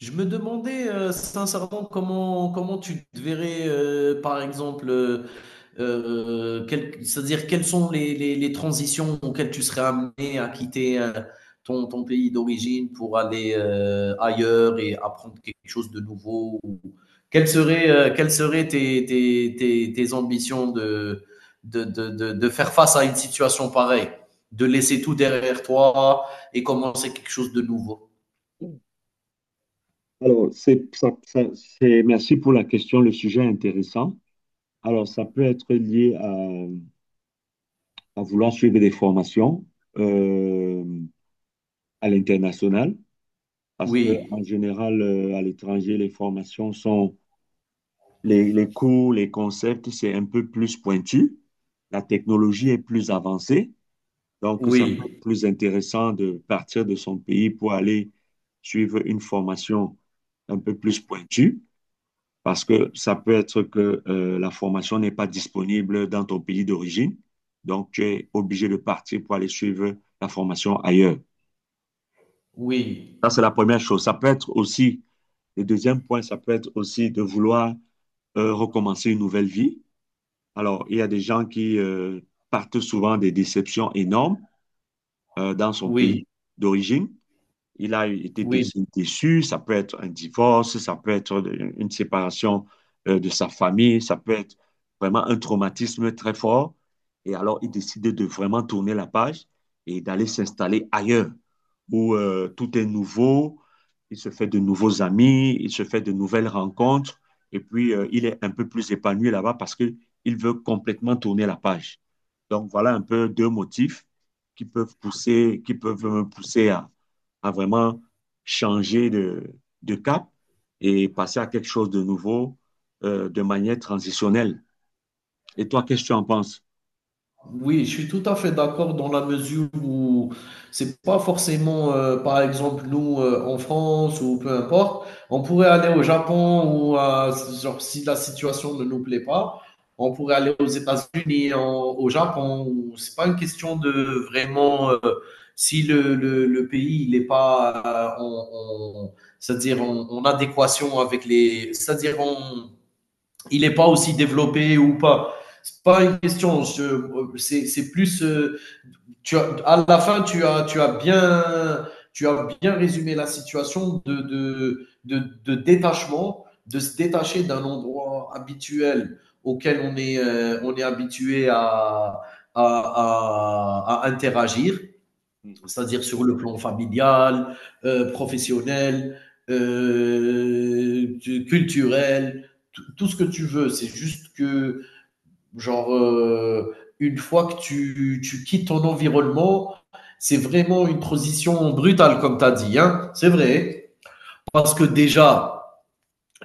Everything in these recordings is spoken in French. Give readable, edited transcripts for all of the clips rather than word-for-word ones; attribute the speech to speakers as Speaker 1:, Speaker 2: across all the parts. Speaker 1: Je me demandais sincèrement comment tu te verrais, par exemple, c'est-à-dire quelles sont les transitions auxquelles tu serais amené à quitter ton pays d'origine pour aller ailleurs et apprendre quelque chose de nouveau quelles seraient tes ambitions de faire face à une situation pareille, de laisser tout derrière toi et commencer quelque chose de nouveau?
Speaker 2: Alors, c'est, ça- ça- c'est- merci pour la question, le sujet est intéressant. Alors, ça peut être lié à vouloir suivre des formations euh, à l'international, parce que en
Speaker 1: Oui,
Speaker 2: général, à l'étranger, les cours, les concepts, c'est un peu plus pointu. La technologie est plus avancée, donc ça peut être
Speaker 1: oui.
Speaker 2: plus intéressant de partir de son pays pour aller suivre une formation un peu plus pointue. Parce que ça peut être que la formation n'est pas disponible dans ton pays d'origine. Donc, tu es obligé de partir pour aller suivre la formation ailleurs.
Speaker 1: Oui,
Speaker 2: Ça, c'est la première chose. Ça peut être aussi, le deuxième point, ça peut être aussi de vouloir recommencer une nouvelle vie. Alors, il y a des gens qui partent souvent des déceptions énormes dans son pays
Speaker 1: oui,
Speaker 2: d'origine. Il a été dé-
Speaker 1: oui,
Speaker 2: déçu. Ça peut être un divorce, ça peut être une séparation de sa famille, ça peut être vraiment un traumatisme très fort. Et alors, il décide de vraiment tourner la page et d'aller s'installer ailleurs où tout est nouveau, il se fait de nouveaux amis, il se fait de nouvelles rencontres. Et puis, il est un peu plus épanoui là-bas parce qu'il veut complètement tourner la page. Donc, voilà un peu deux motifs qui peuvent pousser, qui peuvent me pousser à vraiment changer de cap et passer à quelque chose de nouveau, de manière transitionnelle. Et toi, qu'est-ce que tu en penses?
Speaker 1: oui, je suis tout à fait d'accord dans la mesure où c'est pas forcément, par exemple, nous en France ou peu importe, on pourrait aller au Japon ou à- genre si la situation ne nous plaît pas, on pourrait aller aux États-Unis, au Japon. C'est pas une question de vraiment si le pays il est pas en, en- c'est-à-dire en, en adéquation avec les, c'est-à-dire en il n'est pas aussi développé ou pas. C'est pas une question. C'est plus. À la fin, tu as bien. Tu as bien résumé la situation de détachement, de se détacher d'un endroit habituel auquel on est habitué à interagir
Speaker 2: Mhm.
Speaker 1: c'est-à-dire sur le plan familial, professionnel, euh, culturel, tout ce que tu veux. C'est juste que, genre, une fois que tu quittes ton environnement, c'est vraiment une transition brutale, comme tu as dit. Hein, c'est vrai. Parce que déjà,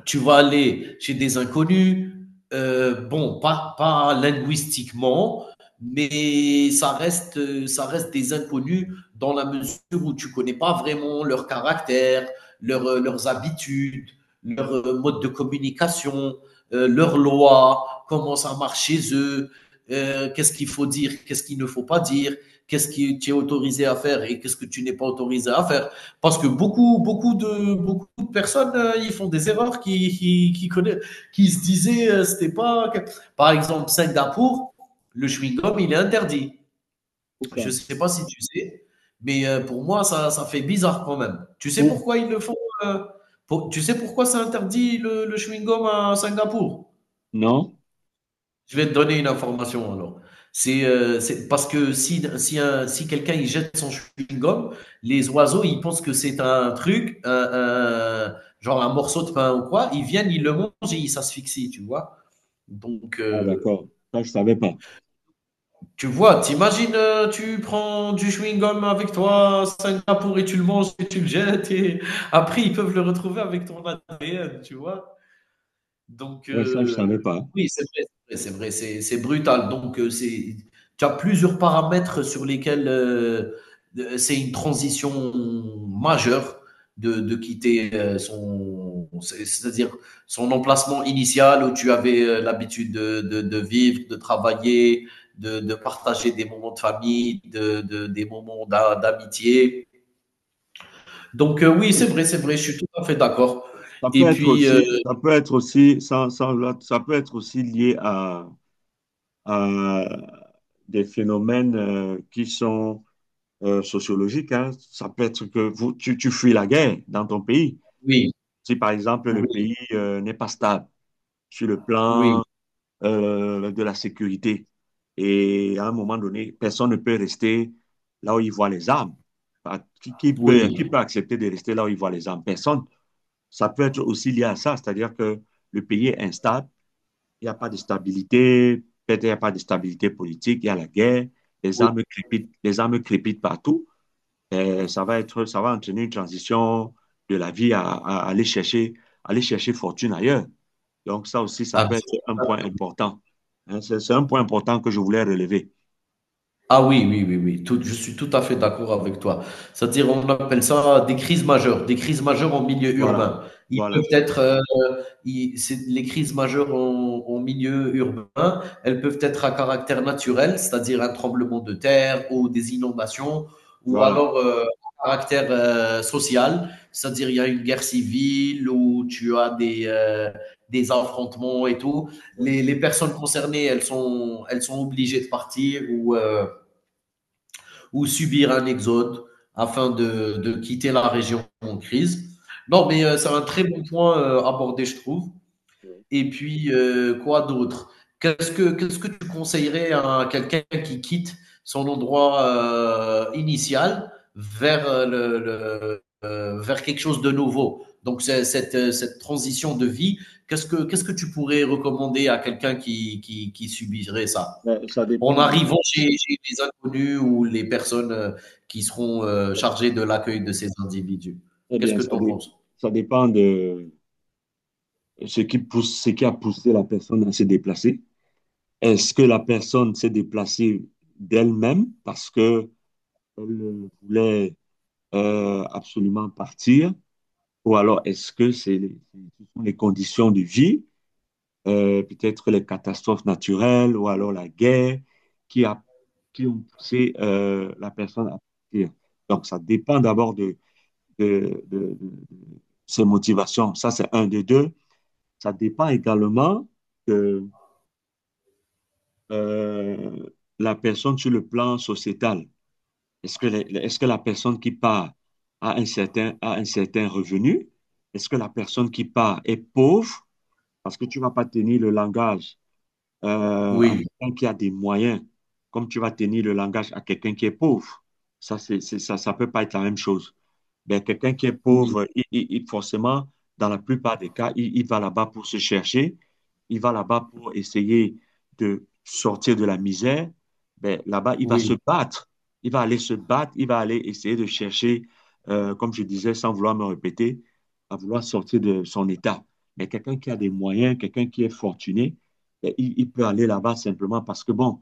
Speaker 1: tu vas aller chez des inconnus, bon, pas linguistiquement, mais ça reste des inconnus dans la mesure où tu ne connais pas vraiment leur caractère, leurs habitudes, leur mode de communication, leurs lois, comment ça marche chez eux, qu'est-ce qu'il faut dire, qu'est-ce qu'il ne faut pas dire, qu'est-ce que tu es autorisé à faire et qu'est-ce que tu n'es pas autorisé à faire. Parce que beaucoup de personnes, ils font des erreurs qui se disaient, c'était pas. Par exemple, Singapour, le chewing-gum, il est interdit.
Speaker 2: Pour
Speaker 1: Je
Speaker 2: ça.
Speaker 1: ne sais pas si tu sais, mais pour moi, ça fait bizarre quand même. Tu sais
Speaker 2: Pour?
Speaker 1: pourquoi ils le font euh, Tu sais pourquoi c'est interdit le chewing-gum à Singapour?
Speaker 2: Non?
Speaker 1: Je vais te donner une information alors. C'est parce que si quelqu'un il jette son chewing-gum, les oiseaux ils pensent que c'est un genre un morceau de pain ou quoi, ils viennent, ils le mangent et ils s'asphyxient, tu vois. Donc
Speaker 2: Ah, d'accord. Ça, je ne savais pas.
Speaker 1: tu vois, t'imagines, tu prends du chewing-gum avec toi, Singapour, et tu le manges et tu le jettes et après ils peuvent le retrouver avec ton ADN, tu vois. Donc,
Speaker 2: Oui, ça, je savais pas.
Speaker 1: oui, c'est vrai, c'est brutal. Donc, c'est tu as plusieurs paramètres sur lesquels, de c'est une transition majeure de quitter, son c'est-à-dire son emplacement initial où tu avais, l'habitude de vivre, de travailler, de partager des moments de famille, de des moments d'amitié. Donc, oui, c'est vrai, je suis tout à fait d'accord
Speaker 2: Ça peut
Speaker 1: et
Speaker 2: être
Speaker 1: puis,
Speaker 2: aussi, ça peut être aussi, ça peut être aussi lié à des phénomènes qui sont sociologiques, hein. Ça peut être que tu fuis la guerre dans ton pays.
Speaker 1: oui,
Speaker 2: Si, par exemple, le
Speaker 1: oui,
Speaker 2: pays n'est pas stable, sur le
Speaker 1: oui,
Speaker 2: plan de la sécurité. Et à un moment donné, personne ne peut rester là où il voit les armes. Ah, qui, qui
Speaker 1: oui.
Speaker 2: peut accepter de rester là où il voit les armes? Personne. Ça peut être aussi lié à ça, c'est-à-dire que le pays est instable, il n'y a pas de stabilité, peut-être il n'y a pas de stabilité politique, il y a la guerre,
Speaker 1: Oui,
Speaker 2: les armes crépitent partout. Et ça va être, ça va entraîner une transition de la vie à aller chercher fortune ailleurs. Donc, ça aussi, ça peut être un point
Speaker 1: absolument.
Speaker 2: important. Hein, c'est un point important que je voulais relever.
Speaker 1: Ah oui, oui, oui, oui, je suis tout à fait d'accord avec toi. C'est-à-dire, on appelle ça des crises majeures en milieu
Speaker 2: Voilà,
Speaker 1: urbain. Ils
Speaker 2: voilà,
Speaker 1: peuvent être, les crises majeures en milieu urbain, elles peuvent être à caractère naturel, c'est-à-dire un tremblement de terre ou des inondations, ou
Speaker 2: voilà.
Speaker 1: alors à caractère social, c'est-à-dire il y a une guerre civile ou tu as des affrontements et tout. Les personnes concernées, elles sont obligées de partir ou subir un exode afin de quitter la région en crise. Non, mais c'est un très bon point abordé, je trouve. Et puis, quoi d'autre? Qu'est-ce que tu conseillerais à quelqu'un qui quitte son endroit initial vers, vers quelque chose de nouveau? Donc, cette, cette transition de vie, qu'est-ce que tu pourrais recommander à quelqu'un qui subirait ça
Speaker 2: Mais ça dépend
Speaker 1: en
Speaker 2: de,
Speaker 1: arrivant chez les inconnus ou les personnes, qui seront, chargées de l'accueil de ces individus.
Speaker 2: très
Speaker 1: Qu'est-ce
Speaker 2: bien,
Speaker 1: que tu en penses?
Speaker 2: ça dépend de ce qui pousse, ce qui a poussé la personne à se déplacer. Est-ce que la personne s'est déplacée d'elle-même parce que elle voulait absolument partir, ou alors est-ce que ce sont les conditions de vie, peut-être les catastrophes naturelles, ou alors la guerre qui a, qui ont poussé la personne à partir. Donc, ça dépend d'abord de, de ses motivations. Ça, c'est un de deux. Ça dépend également de euh, la personne sur le plan sociétal. Est-ce que la personne qui part a un certain revenu? Est-ce que la personne qui part est pauvre? Parce que tu ne vas pas tenir le langage à
Speaker 1: Oui,
Speaker 2: quelqu'un qui a des moyens, comme tu vas tenir le langage à quelqu'un qui est pauvre. Ça, ça peut pas être la même chose. Ben, quelqu'un qui est
Speaker 1: oui,
Speaker 2: pauvre, forcément, dans la plupart des cas, il va là-bas pour se chercher, il va là-bas pour essayer de sortir de la misère. Ben, là-bas, il va se
Speaker 1: oui,
Speaker 2: battre, il va aller se battre, il va aller essayer de chercher, comme je disais, sans vouloir me répéter, à vouloir sortir de son état. Mais quelqu'un qui a des moyens, quelqu'un qui est fortuné, ben, il peut aller là-bas simplement parce que, bon,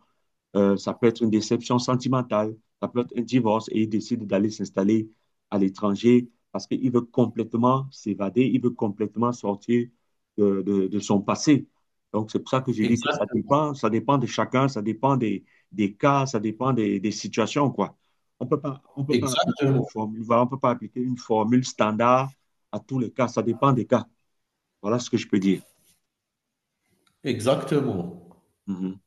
Speaker 2: ça peut être une déception sentimentale, ça peut être un divorce et il décide d'aller s'installer à l'étranger parce qu'il veut complètement s'évader, il veut complètement sortir de, de son passé. Donc, c'est pour ça que j'ai dit que
Speaker 1: exactement,
Speaker 2: ça dépend de chacun, ça dépend des cas, ça dépend des situations, quoi. On peut pas appliquer une
Speaker 1: exactement,
Speaker 2: formule, voilà, on peut pas appliquer une formule standard à tous les cas, ça dépend des cas. Voilà ce que je peux dire.
Speaker 1: exactement.
Speaker 2: Mhm.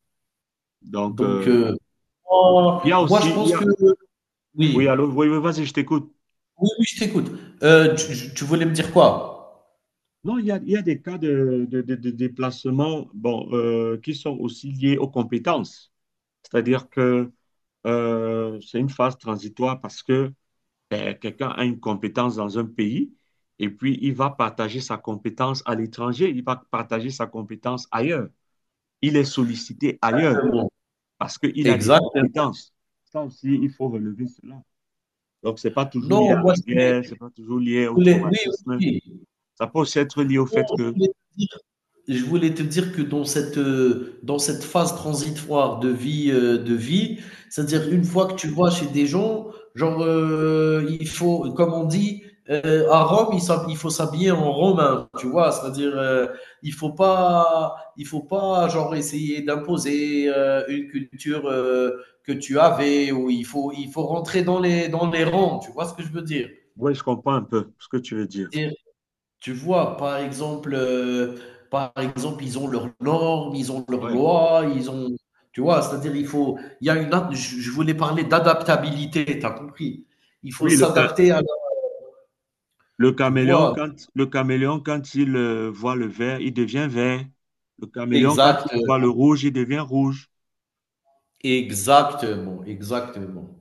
Speaker 2: Donc,
Speaker 1: Donc, oh,
Speaker 2: il y a
Speaker 1: moi
Speaker 2: aussi,
Speaker 1: je
Speaker 2: il y
Speaker 1: pense que
Speaker 2: a… Oui,
Speaker 1: oui,
Speaker 2: allô, oui, oui, vas-y, je t'écoute.
Speaker 1: oui, oui, je t'écoute. Tu voulais me dire quoi?
Speaker 2: Non, il y a des cas de, de déplacement, bon, qui sont aussi liés aux compétences. C'est-à-dire que c'est une phase transitoire parce que ben, quelqu'un a une compétence dans un pays et puis il va partager sa compétence à l'étranger, il va partager sa compétence ailleurs. Il est sollicité ailleurs
Speaker 1: Exactement,
Speaker 2: parce qu'il a des
Speaker 1: exactement.
Speaker 2: compétences. Ça aussi, il faut relever cela. Donc, ce n'est pas toujours lié à
Speaker 1: Non, moi
Speaker 2: la
Speaker 1: je voulais
Speaker 2: guerre, ce n'est pas toujours lié au
Speaker 1: oui, oui,
Speaker 2: traumatisme.
Speaker 1: oui.
Speaker 2: Ça peut aussi être lié au
Speaker 1: Non,
Speaker 2: fait
Speaker 1: je
Speaker 2: que…
Speaker 1: voulais te dire. Je voulais te dire que dans cette phase transitoire de vie, c'est-à-dire une fois que tu vas chez des gens, genre, il faut, comme on dit, à Rome, il faut s'habiller en romain, tu vois, c'est-à-dire, il faut pas, genre, essayer d'imposer une culture que tu avais, ou il faut rentrer dans dans les rangs, tu vois ce que je veux dire?
Speaker 2: Oui, je comprends un peu ce que tu veux dire.
Speaker 1: Tu vois, par exemple, ils ont leurs normes, ils ont leurs
Speaker 2: Oui.
Speaker 1: lois, ils ont, tu vois, c'est-à-dire il faut, il y a je voulais parler d'adaptabilité, t'as compris? Il faut
Speaker 2: Oui,
Speaker 1: s'adapter tu vois,
Speaker 2: le caméléon, quand il voit le vert, il devient vert. Le caméléon, quand
Speaker 1: exact.
Speaker 2: il voit le rouge, il devient rouge.
Speaker 1: Exactement, exactement.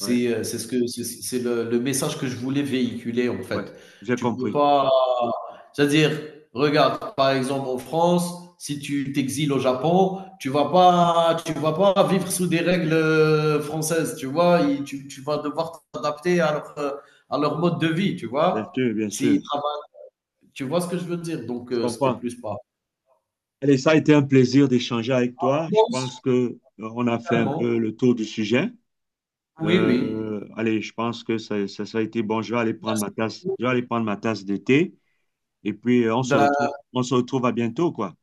Speaker 2: Oui, j'ai
Speaker 1: C'est ce que c'est le message que je voulais véhiculer, en
Speaker 2: ouais,
Speaker 1: fait.
Speaker 2: j'ai
Speaker 1: Tu peux
Speaker 2: compris.
Speaker 1: pas c'est-à-dire, regarde, par exemple, en France, si tu t'exiles au Japon, tu vas pas vivre sous des règles, françaises, tu vois? Il tu vas devoir t'adapter à leur mode de vie, tu
Speaker 2: Bien
Speaker 1: vois?
Speaker 2: sûr, bien sûr.
Speaker 1: S'ils travaillent tu vois ce que je veux dire? Donc,
Speaker 2: Je
Speaker 1: c'était
Speaker 2: comprends.
Speaker 1: plus pas.
Speaker 2: Allez, ça a été un plaisir d'échanger avec toi. Je
Speaker 1: Moi aussi,
Speaker 2: pense que on a fait un
Speaker 1: finalement.
Speaker 2: peu le tour du sujet.
Speaker 1: Oui, oui.
Speaker 2: Allez, je pense que ça a été bon. Je vais aller prendre
Speaker 1: Merci.
Speaker 2: ma tasse, je vais aller prendre ma tasse de thé. Et puis,
Speaker 1: Ben
Speaker 2: on se retrouve à bientôt, quoi.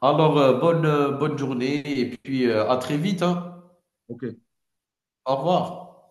Speaker 1: alors, bonne, bonne journée et puis à très vite, hein.
Speaker 2: OK.
Speaker 1: Au revoir.